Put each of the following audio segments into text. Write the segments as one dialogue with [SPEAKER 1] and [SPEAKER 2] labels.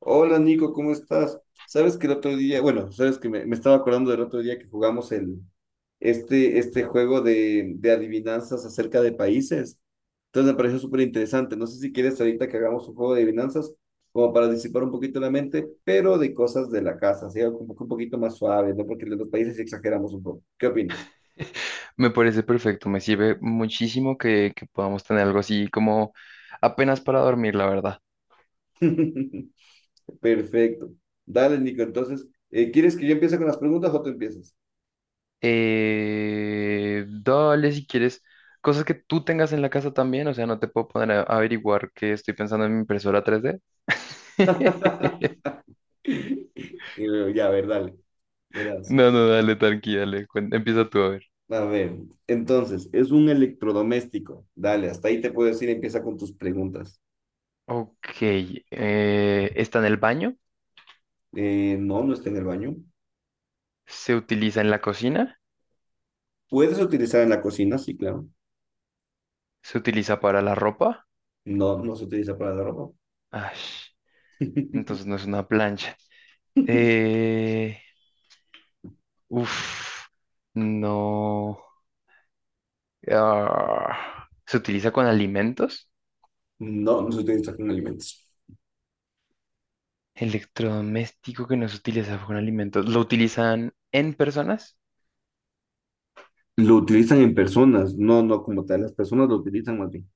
[SPEAKER 1] Hola Nico, ¿cómo estás? Sabes que el otro día, bueno, sabes que me estaba acordando del otro día que jugamos el juego de adivinanzas acerca de países. Entonces me pareció súper interesante. No sé si quieres ahorita que hagamos un juego de adivinanzas como para disipar un poquito la mente, pero de cosas de la casa, así algo como que un poquito más suave, ¿no? Porque de los países sí exageramos un poco. ¿Qué opinas?
[SPEAKER 2] Me parece perfecto, me sirve muchísimo que podamos tener algo así como apenas para dormir, la verdad.
[SPEAKER 1] Perfecto. Dale, Nico, entonces, ¿quieres que yo empiece con las preguntas o tú empiezas?
[SPEAKER 2] Dale si quieres cosas que tú tengas en la casa también, o sea, no te puedo poner a averiguar que estoy pensando en mi impresora 3D.
[SPEAKER 1] Y luego, ya, a ver, dale. Verás,
[SPEAKER 2] No, no, dale, tranqui, dale, empieza tú a ver.
[SPEAKER 1] a ver, entonces, es un electrodoméstico. Dale, hasta ahí te puedo decir, empieza con tus preguntas.
[SPEAKER 2] Ok, está en el baño,
[SPEAKER 1] No, no está en el baño.
[SPEAKER 2] se utiliza en la cocina,
[SPEAKER 1] ¿Puedes utilizar en la cocina? Sí, claro.
[SPEAKER 2] se utiliza para la ropa.
[SPEAKER 1] No, no se utiliza para la ropa.
[SPEAKER 2] Ay, entonces no es una plancha. Eh, Uf, no. Ah, ¿se utiliza con alimentos?
[SPEAKER 1] No, no se utiliza con alimentos.
[SPEAKER 2] Electrodoméstico que no se utiliza con alimentos. ¿Lo utilizan en personas?
[SPEAKER 1] Lo utilizan en personas, no, no como tal. Las personas lo utilizan más bien.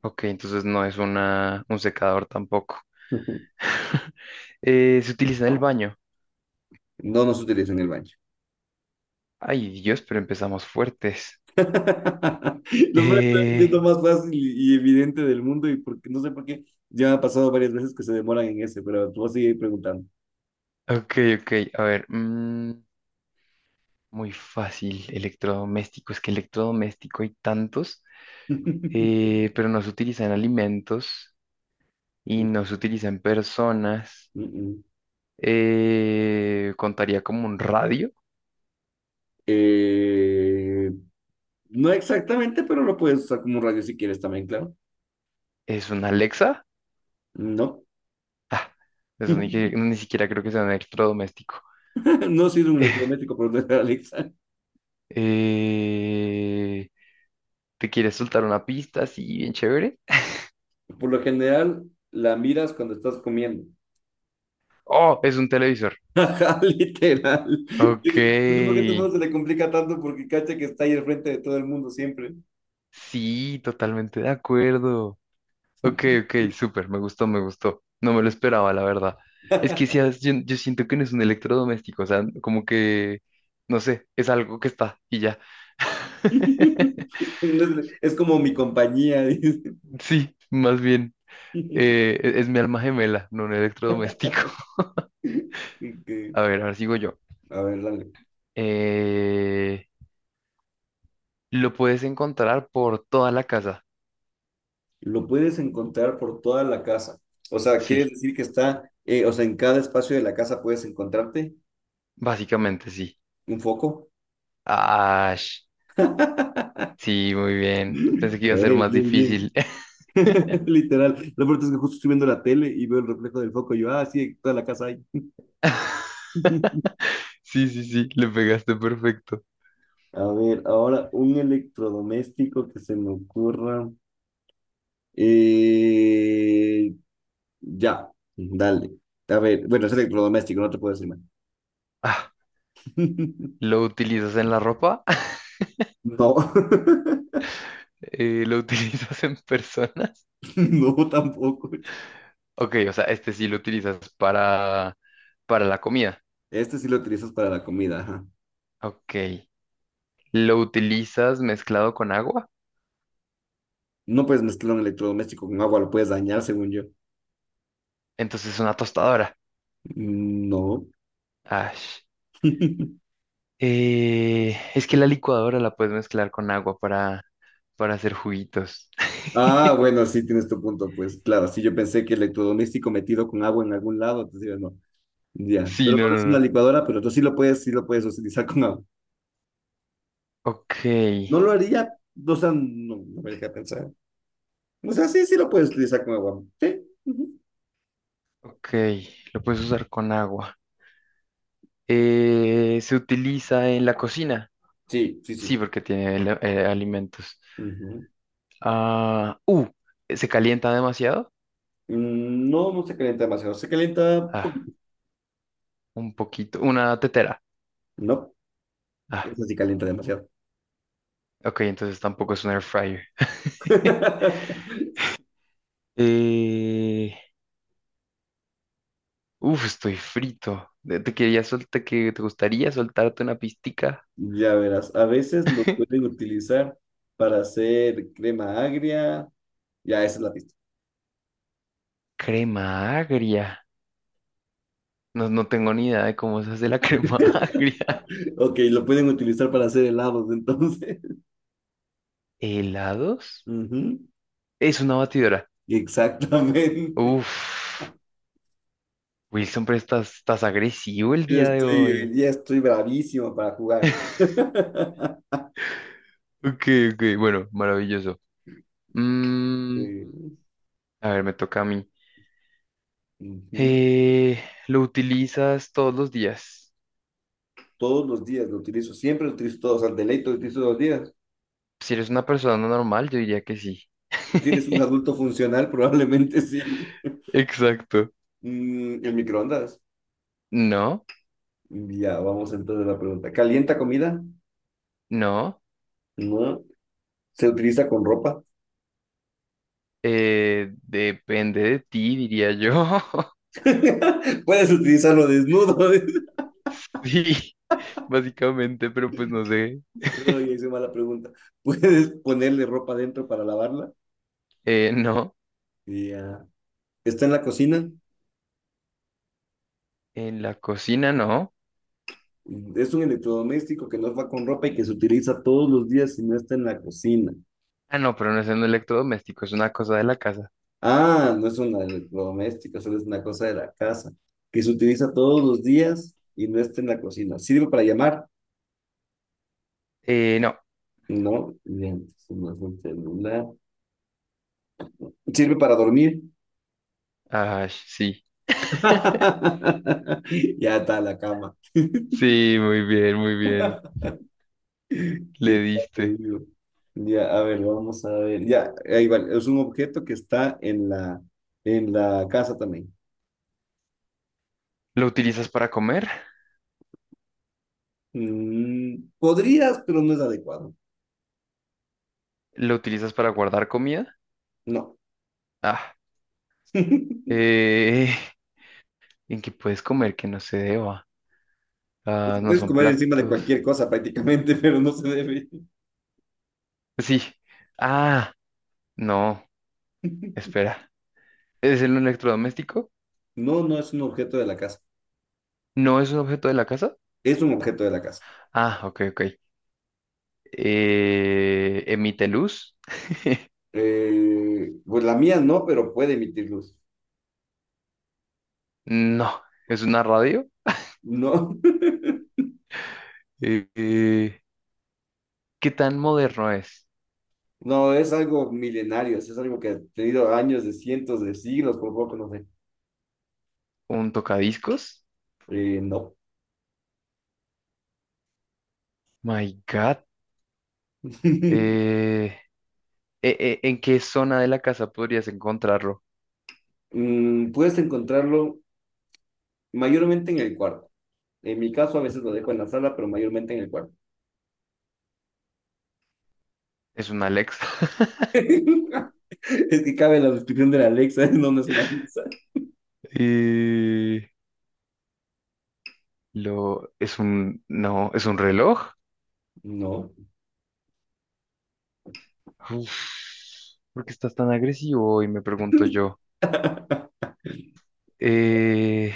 [SPEAKER 2] Ok, entonces no es un secador tampoco. ¿Se utiliza en el baño?
[SPEAKER 1] No, no se utiliza en el baño.
[SPEAKER 2] Ay, Dios, pero empezamos fuertes.
[SPEAKER 1] Lo más... es que es
[SPEAKER 2] Eh,
[SPEAKER 1] lo más fácil y evidente del mundo y porque no sé por qué ya me ha pasado varias veces que se demoran en ese, pero tú vas a seguir preguntando.
[SPEAKER 2] ok, ok, a ver. Muy fácil, electrodoméstico. Es que electrodoméstico hay tantos, pero no se utiliza en alimentos y no se utiliza en personas.
[SPEAKER 1] Mm, mm.
[SPEAKER 2] Contaría como un radio,
[SPEAKER 1] eh, no exactamente, pero lo puedes usar como un radio si quieres también, claro.
[SPEAKER 2] es una Alexa.
[SPEAKER 1] No.
[SPEAKER 2] Ah, eso ni, que- ni siquiera creo que sea un electrodoméstico.
[SPEAKER 1] No sirve un electrodoméstico por donde Alexa.
[SPEAKER 2] Eh, ¿Te quieres soltar una pista así bien chévere?
[SPEAKER 1] Por lo general, la miras cuando estás comiendo.
[SPEAKER 2] Oh, es un televisor.
[SPEAKER 1] Ajá, literal.
[SPEAKER 2] Ok,
[SPEAKER 1] No sé por qué a todo el mundo se le complica tanto porque cacha que está ahí al frente de todo el mundo siempre.
[SPEAKER 2] sí, totalmente de acuerdo. Ok, ok, súper, me gustó, me gustó. No me lo esperaba, la verdad. Es que si has- yo siento que no es un electrodoméstico, o sea, como que, no sé, es algo que está y ya.
[SPEAKER 1] Entonces, es como mi compañía, dice.
[SPEAKER 2] Sí, más bien. Es mi alma gemela, no un electrodoméstico.
[SPEAKER 1] Ok,
[SPEAKER 2] A ver, ahora sigo yo.
[SPEAKER 1] a ver, dale.
[SPEAKER 2] Eh, lo puedes encontrar por toda la casa.
[SPEAKER 1] Lo puedes encontrar por toda la casa. O sea, ¿quieres
[SPEAKER 2] Sí,
[SPEAKER 1] decir que está, o sea, en cada espacio de la casa puedes encontrarte
[SPEAKER 2] básicamente sí.
[SPEAKER 1] un foco?
[SPEAKER 2] Ash, sí, muy bien. Pensé que iba a ser más
[SPEAKER 1] Bien, bien.
[SPEAKER 2] difícil.
[SPEAKER 1] Literal. Lo peor es que justo estoy viendo la tele y veo el reflejo del foco y yo, ah, sí, toda la casa hay.
[SPEAKER 2] Sí, sí, sí, le pegaste perfecto.
[SPEAKER 1] A ver, ahora un electrodoméstico que se me ocurra. Eh, ya, dale. A ver, bueno, es electrodoméstico, no te puedo decir más.
[SPEAKER 2] Ah, ¿lo utilizas en la ropa?
[SPEAKER 1] No.
[SPEAKER 2] ¿Lo utilizas en persona?
[SPEAKER 1] No tampoco.
[SPEAKER 2] Ok, o sea, este sí lo utilizas para la comida.
[SPEAKER 1] Este sí lo utilizas para la comida, ajá.
[SPEAKER 2] Ok. Lo utilizas mezclado con agua,
[SPEAKER 1] No puedes mezclar un electrodoméstico con agua, lo puedes dañar, según yo.
[SPEAKER 2] entonces es una tostadora.
[SPEAKER 1] Mm, no.
[SPEAKER 2] Ash. Es que la licuadora la puedes mezclar con agua para hacer juguitos.
[SPEAKER 1] Ah, bueno, sí tienes tu punto, pues claro, sí yo pensé que electrodoméstico metido con agua en algún lado, entonces digo, no, ya,
[SPEAKER 2] Sí,
[SPEAKER 1] pero
[SPEAKER 2] no,
[SPEAKER 1] no
[SPEAKER 2] no,
[SPEAKER 1] es una
[SPEAKER 2] no.
[SPEAKER 1] licuadora, pero tú sí lo puedes utilizar con agua.
[SPEAKER 2] Ok,
[SPEAKER 1] No lo haría, o sea, no, no me deja pensar. O sea, sí, sí lo puedes utilizar con agua. Sí, ujú.
[SPEAKER 2] ok, lo puedes usar con agua. Se utiliza en la cocina.
[SPEAKER 1] Sí, sí,
[SPEAKER 2] Sí,
[SPEAKER 1] sí.
[SPEAKER 2] porque alimentos.
[SPEAKER 1] Ujú.
[SPEAKER 2] Ah, uh, ¿Se calienta demasiado?
[SPEAKER 1] Mm, no, no se calienta demasiado, se calienta un
[SPEAKER 2] Ah,
[SPEAKER 1] poquito.
[SPEAKER 2] un poquito, una tetera.
[SPEAKER 1] No,
[SPEAKER 2] Ah,
[SPEAKER 1] eso sí calienta demasiado.
[SPEAKER 2] ok, entonces tampoco es un air fryer. Eh, Estoy frito. ¿Te quería soltar, que te gustaría soltarte una pistica?
[SPEAKER 1] Ya verás, a veces lo pueden utilizar para hacer crema agria. Ya, esa es la pista.
[SPEAKER 2] Crema agria. No, no tengo ni idea de cómo se hace la crema agria.
[SPEAKER 1] Ok, lo pueden utilizar para hacer helados, entonces.
[SPEAKER 2] ¿Helados?
[SPEAKER 1] Ujú.
[SPEAKER 2] Es una batidora.
[SPEAKER 1] Exactamente.
[SPEAKER 2] Uf, Wilson, pero estás agresivo el
[SPEAKER 1] Yo
[SPEAKER 2] día de
[SPEAKER 1] estoy, hoy
[SPEAKER 2] hoy.
[SPEAKER 1] día estoy bravísimo para jugar.
[SPEAKER 2] Ok, ok, bueno, maravilloso. Mm,
[SPEAKER 1] Eh,
[SPEAKER 2] a ver, me toca a mí.
[SPEAKER 1] ujú.
[SPEAKER 2] Eh, ¿Lo utilizas todos los días?
[SPEAKER 1] Todos los días lo utilizo, siempre lo utilizo todos, al deleito lo utilizo todos los días.
[SPEAKER 2] Si eres una persona normal, yo diría que sí.
[SPEAKER 1] Si ¿tienes un adulto funcional? Probablemente sí.
[SPEAKER 2] Exacto.
[SPEAKER 1] Mm, el microondas.
[SPEAKER 2] No,
[SPEAKER 1] Ya, vamos entonces a la pregunta. ¿Calienta comida?
[SPEAKER 2] no.
[SPEAKER 1] No. ¿Se utiliza con ropa?
[SPEAKER 2] Depende de ti, diría yo.
[SPEAKER 1] Puedes utilizarlo desnudo.
[SPEAKER 2] Sí, básicamente, pero pues no sé.
[SPEAKER 1] No, ya hice mala pregunta. Puedes ponerle ropa dentro para lavarla.
[SPEAKER 2] No,
[SPEAKER 1] Y ya. Está en la cocina.
[SPEAKER 2] en la cocina no.
[SPEAKER 1] Es un electrodoméstico que no va con ropa y que se utiliza todos los días si no está en la cocina.
[SPEAKER 2] Ah, no, pero no es un electrodoméstico, es una cosa de la casa.
[SPEAKER 1] Ah, no es un electrodoméstico, solo es una cosa de la casa. Que se utiliza todos los días y no está en la cocina. ¿Sirve para llamar?
[SPEAKER 2] No.
[SPEAKER 1] No, bien, no es un celular. ¿Sirve para dormir?
[SPEAKER 2] Ah, sí.
[SPEAKER 1] Ya está la cama.
[SPEAKER 2] Sí, muy bien, muy bien.
[SPEAKER 1] Qué
[SPEAKER 2] Le diste.
[SPEAKER 1] atrevido. Ya, a ver, vamos a ver. Ya, ahí vale. Es un objeto que está en en la casa también.
[SPEAKER 2] ¿Lo utilizas para comer?
[SPEAKER 1] Mm, podrías, pero no es adecuado.
[SPEAKER 2] ¿Lo utilizas para guardar comida?
[SPEAKER 1] No.
[SPEAKER 2] Ah, eh, en que puedes comer que no se deba.
[SPEAKER 1] Se
[SPEAKER 2] Ah, no
[SPEAKER 1] puedes
[SPEAKER 2] son
[SPEAKER 1] comer encima de
[SPEAKER 2] platos.
[SPEAKER 1] cualquier cosa prácticamente, pero no se debe.
[SPEAKER 2] Sí. Ah, no. Espera. ¿Es el electrodoméstico?
[SPEAKER 1] No, no es un objeto de la casa.
[SPEAKER 2] ¿No es un objeto de la casa?
[SPEAKER 1] Es un objeto de la casa.
[SPEAKER 2] Ah, ok, ok. ¿Emite luz?
[SPEAKER 1] Pues la mía no, pero puede emitir luz.
[SPEAKER 2] No. ¿Es una radio?
[SPEAKER 1] No.
[SPEAKER 2] Eh, eh, ¿Qué tan moderno es?
[SPEAKER 1] No, es algo milenario, es algo que ha tenido años de cientos de siglos, por poco no sé.
[SPEAKER 2] ¿Un tocadiscos?
[SPEAKER 1] No.
[SPEAKER 2] My God. Eh, ¿En qué zona de la casa podrías encontrarlo?
[SPEAKER 1] Mm, puedes encontrarlo mayormente en el cuarto. En mi caso, a veces lo dejo en la sala, pero mayormente en el cuarto.
[SPEAKER 2] ¿Es una Alexa?
[SPEAKER 1] Es que cabe la descripción de la Alexa, no, no es una Alexa.
[SPEAKER 2] Eh, es no, es un reloj.
[SPEAKER 1] No.
[SPEAKER 2] Uf, ¿por qué estás tan agresivo hoy? Me pregunto yo. Eh,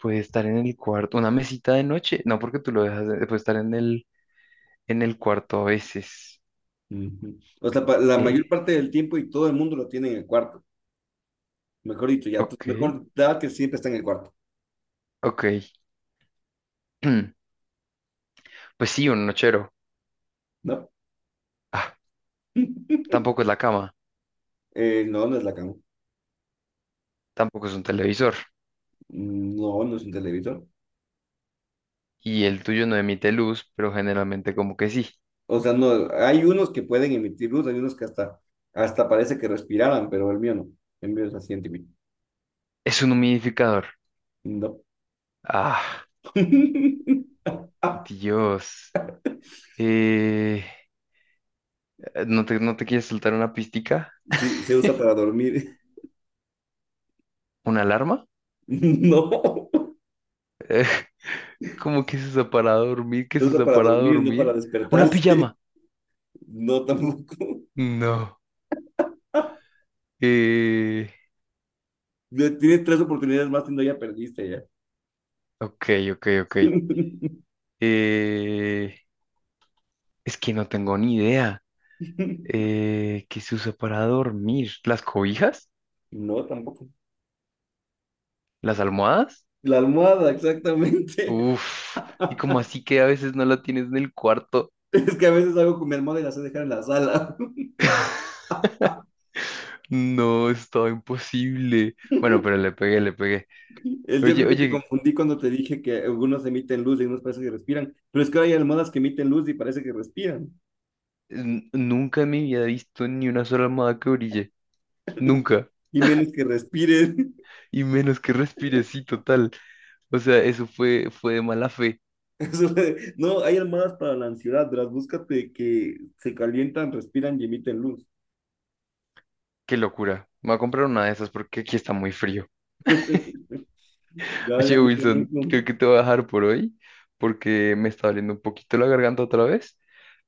[SPEAKER 2] Puede estar en el cuarto, una mesita de noche. No, porque tú lo dejas, puede estar en en el cuarto a veces.
[SPEAKER 1] Ujú. O sea, pa- la mayor
[SPEAKER 2] Eh,
[SPEAKER 1] parte del tiempo y todo el mundo lo tiene en el cuarto. Mejor dicho, ya, tú-
[SPEAKER 2] ok,
[SPEAKER 1] mejor da que siempre está en el cuarto,
[SPEAKER 2] ok. Pues sí, un nochero.
[SPEAKER 1] ¿no?
[SPEAKER 2] Ah, tampoco es la cama,
[SPEAKER 1] No, no es la cama.
[SPEAKER 2] tampoco es un televisor.
[SPEAKER 1] Mm, no, no es un televisor.
[SPEAKER 2] Y el tuyo no emite luz, pero generalmente como que sí.
[SPEAKER 1] O sea, no, hay unos que pueden emitir luz, hay unos que hasta parece que respiraran, pero el mío no. El mío es así antiguo.
[SPEAKER 2] Es un humidificador.
[SPEAKER 1] No.
[SPEAKER 2] Ah, Dios. Eh, ¿No te, no te quieres soltar una pistica?
[SPEAKER 1] Sí, se usa para dormir.
[SPEAKER 2] ¿Una alarma?
[SPEAKER 1] No,
[SPEAKER 2] ¿Cómo que se usa para dormir? ¿Qué
[SPEAKER 1] se
[SPEAKER 2] se
[SPEAKER 1] usa
[SPEAKER 2] usa
[SPEAKER 1] para
[SPEAKER 2] para
[SPEAKER 1] dormir, no para
[SPEAKER 2] dormir? ¿Una
[SPEAKER 1] despertarse.
[SPEAKER 2] pijama?
[SPEAKER 1] No, tampoco.
[SPEAKER 2] No. Eh,
[SPEAKER 1] Ya tienes tres oportunidades más y no ya perdiste ya.
[SPEAKER 2] ok, ok. Eh, es que no tengo ni idea. ¿Qué se usa para dormir? ¿Las cobijas?
[SPEAKER 1] No, tampoco.
[SPEAKER 2] ¿Las almohadas?
[SPEAKER 1] La almohada, exactamente.
[SPEAKER 2] Uf. Y como así que a veces no la tienes en el cuarto.
[SPEAKER 1] Es que a veces hago con mi almohada y la sé dejar en la sala.
[SPEAKER 2] No, estaba imposible. Bueno, pero le pegué, le pegué.
[SPEAKER 1] El- yo
[SPEAKER 2] Oye,
[SPEAKER 1] creo que te
[SPEAKER 2] oye,
[SPEAKER 1] confundí cuando te dije que algunos emiten luz y algunos parece que respiran, pero es que ahora hay almohadas que emiten luz y parece que respiran,
[SPEAKER 2] Nunca me había visto ni una sola almohada que brille. Nunca.
[SPEAKER 1] y menos que respiren.
[SPEAKER 2] Y menos que respire, sí, total. O sea, fue de mala fe.
[SPEAKER 1] No, hay almohadas para la ansiedad, las búscate que se calientan, respiran y emiten luz.
[SPEAKER 2] Qué locura. Me voy a comprar una de esas porque aquí está muy frío.
[SPEAKER 1] Dale,
[SPEAKER 2] Oye,
[SPEAKER 1] amigo
[SPEAKER 2] Wilson,
[SPEAKER 1] Nico.
[SPEAKER 2] creo que te voy a dejar por hoy porque me está doliendo un poquito la garganta otra vez.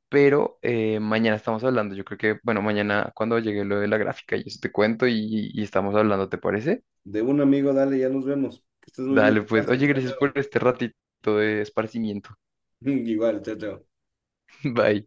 [SPEAKER 2] Pero mañana estamos hablando. Yo creo que, bueno, mañana cuando llegue lo de la gráfica, yo te cuento y estamos hablando, ¿te parece?
[SPEAKER 1] De un amigo, dale, ya nos vemos. Que estés muy bien.
[SPEAKER 2] Dale, pues.
[SPEAKER 1] Descansa.
[SPEAKER 2] Oye,
[SPEAKER 1] Chao,
[SPEAKER 2] gracias por
[SPEAKER 1] chao.
[SPEAKER 2] este ratito de esparcimiento.
[SPEAKER 1] Igual, chao, chao.
[SPEAKER 2] Bye.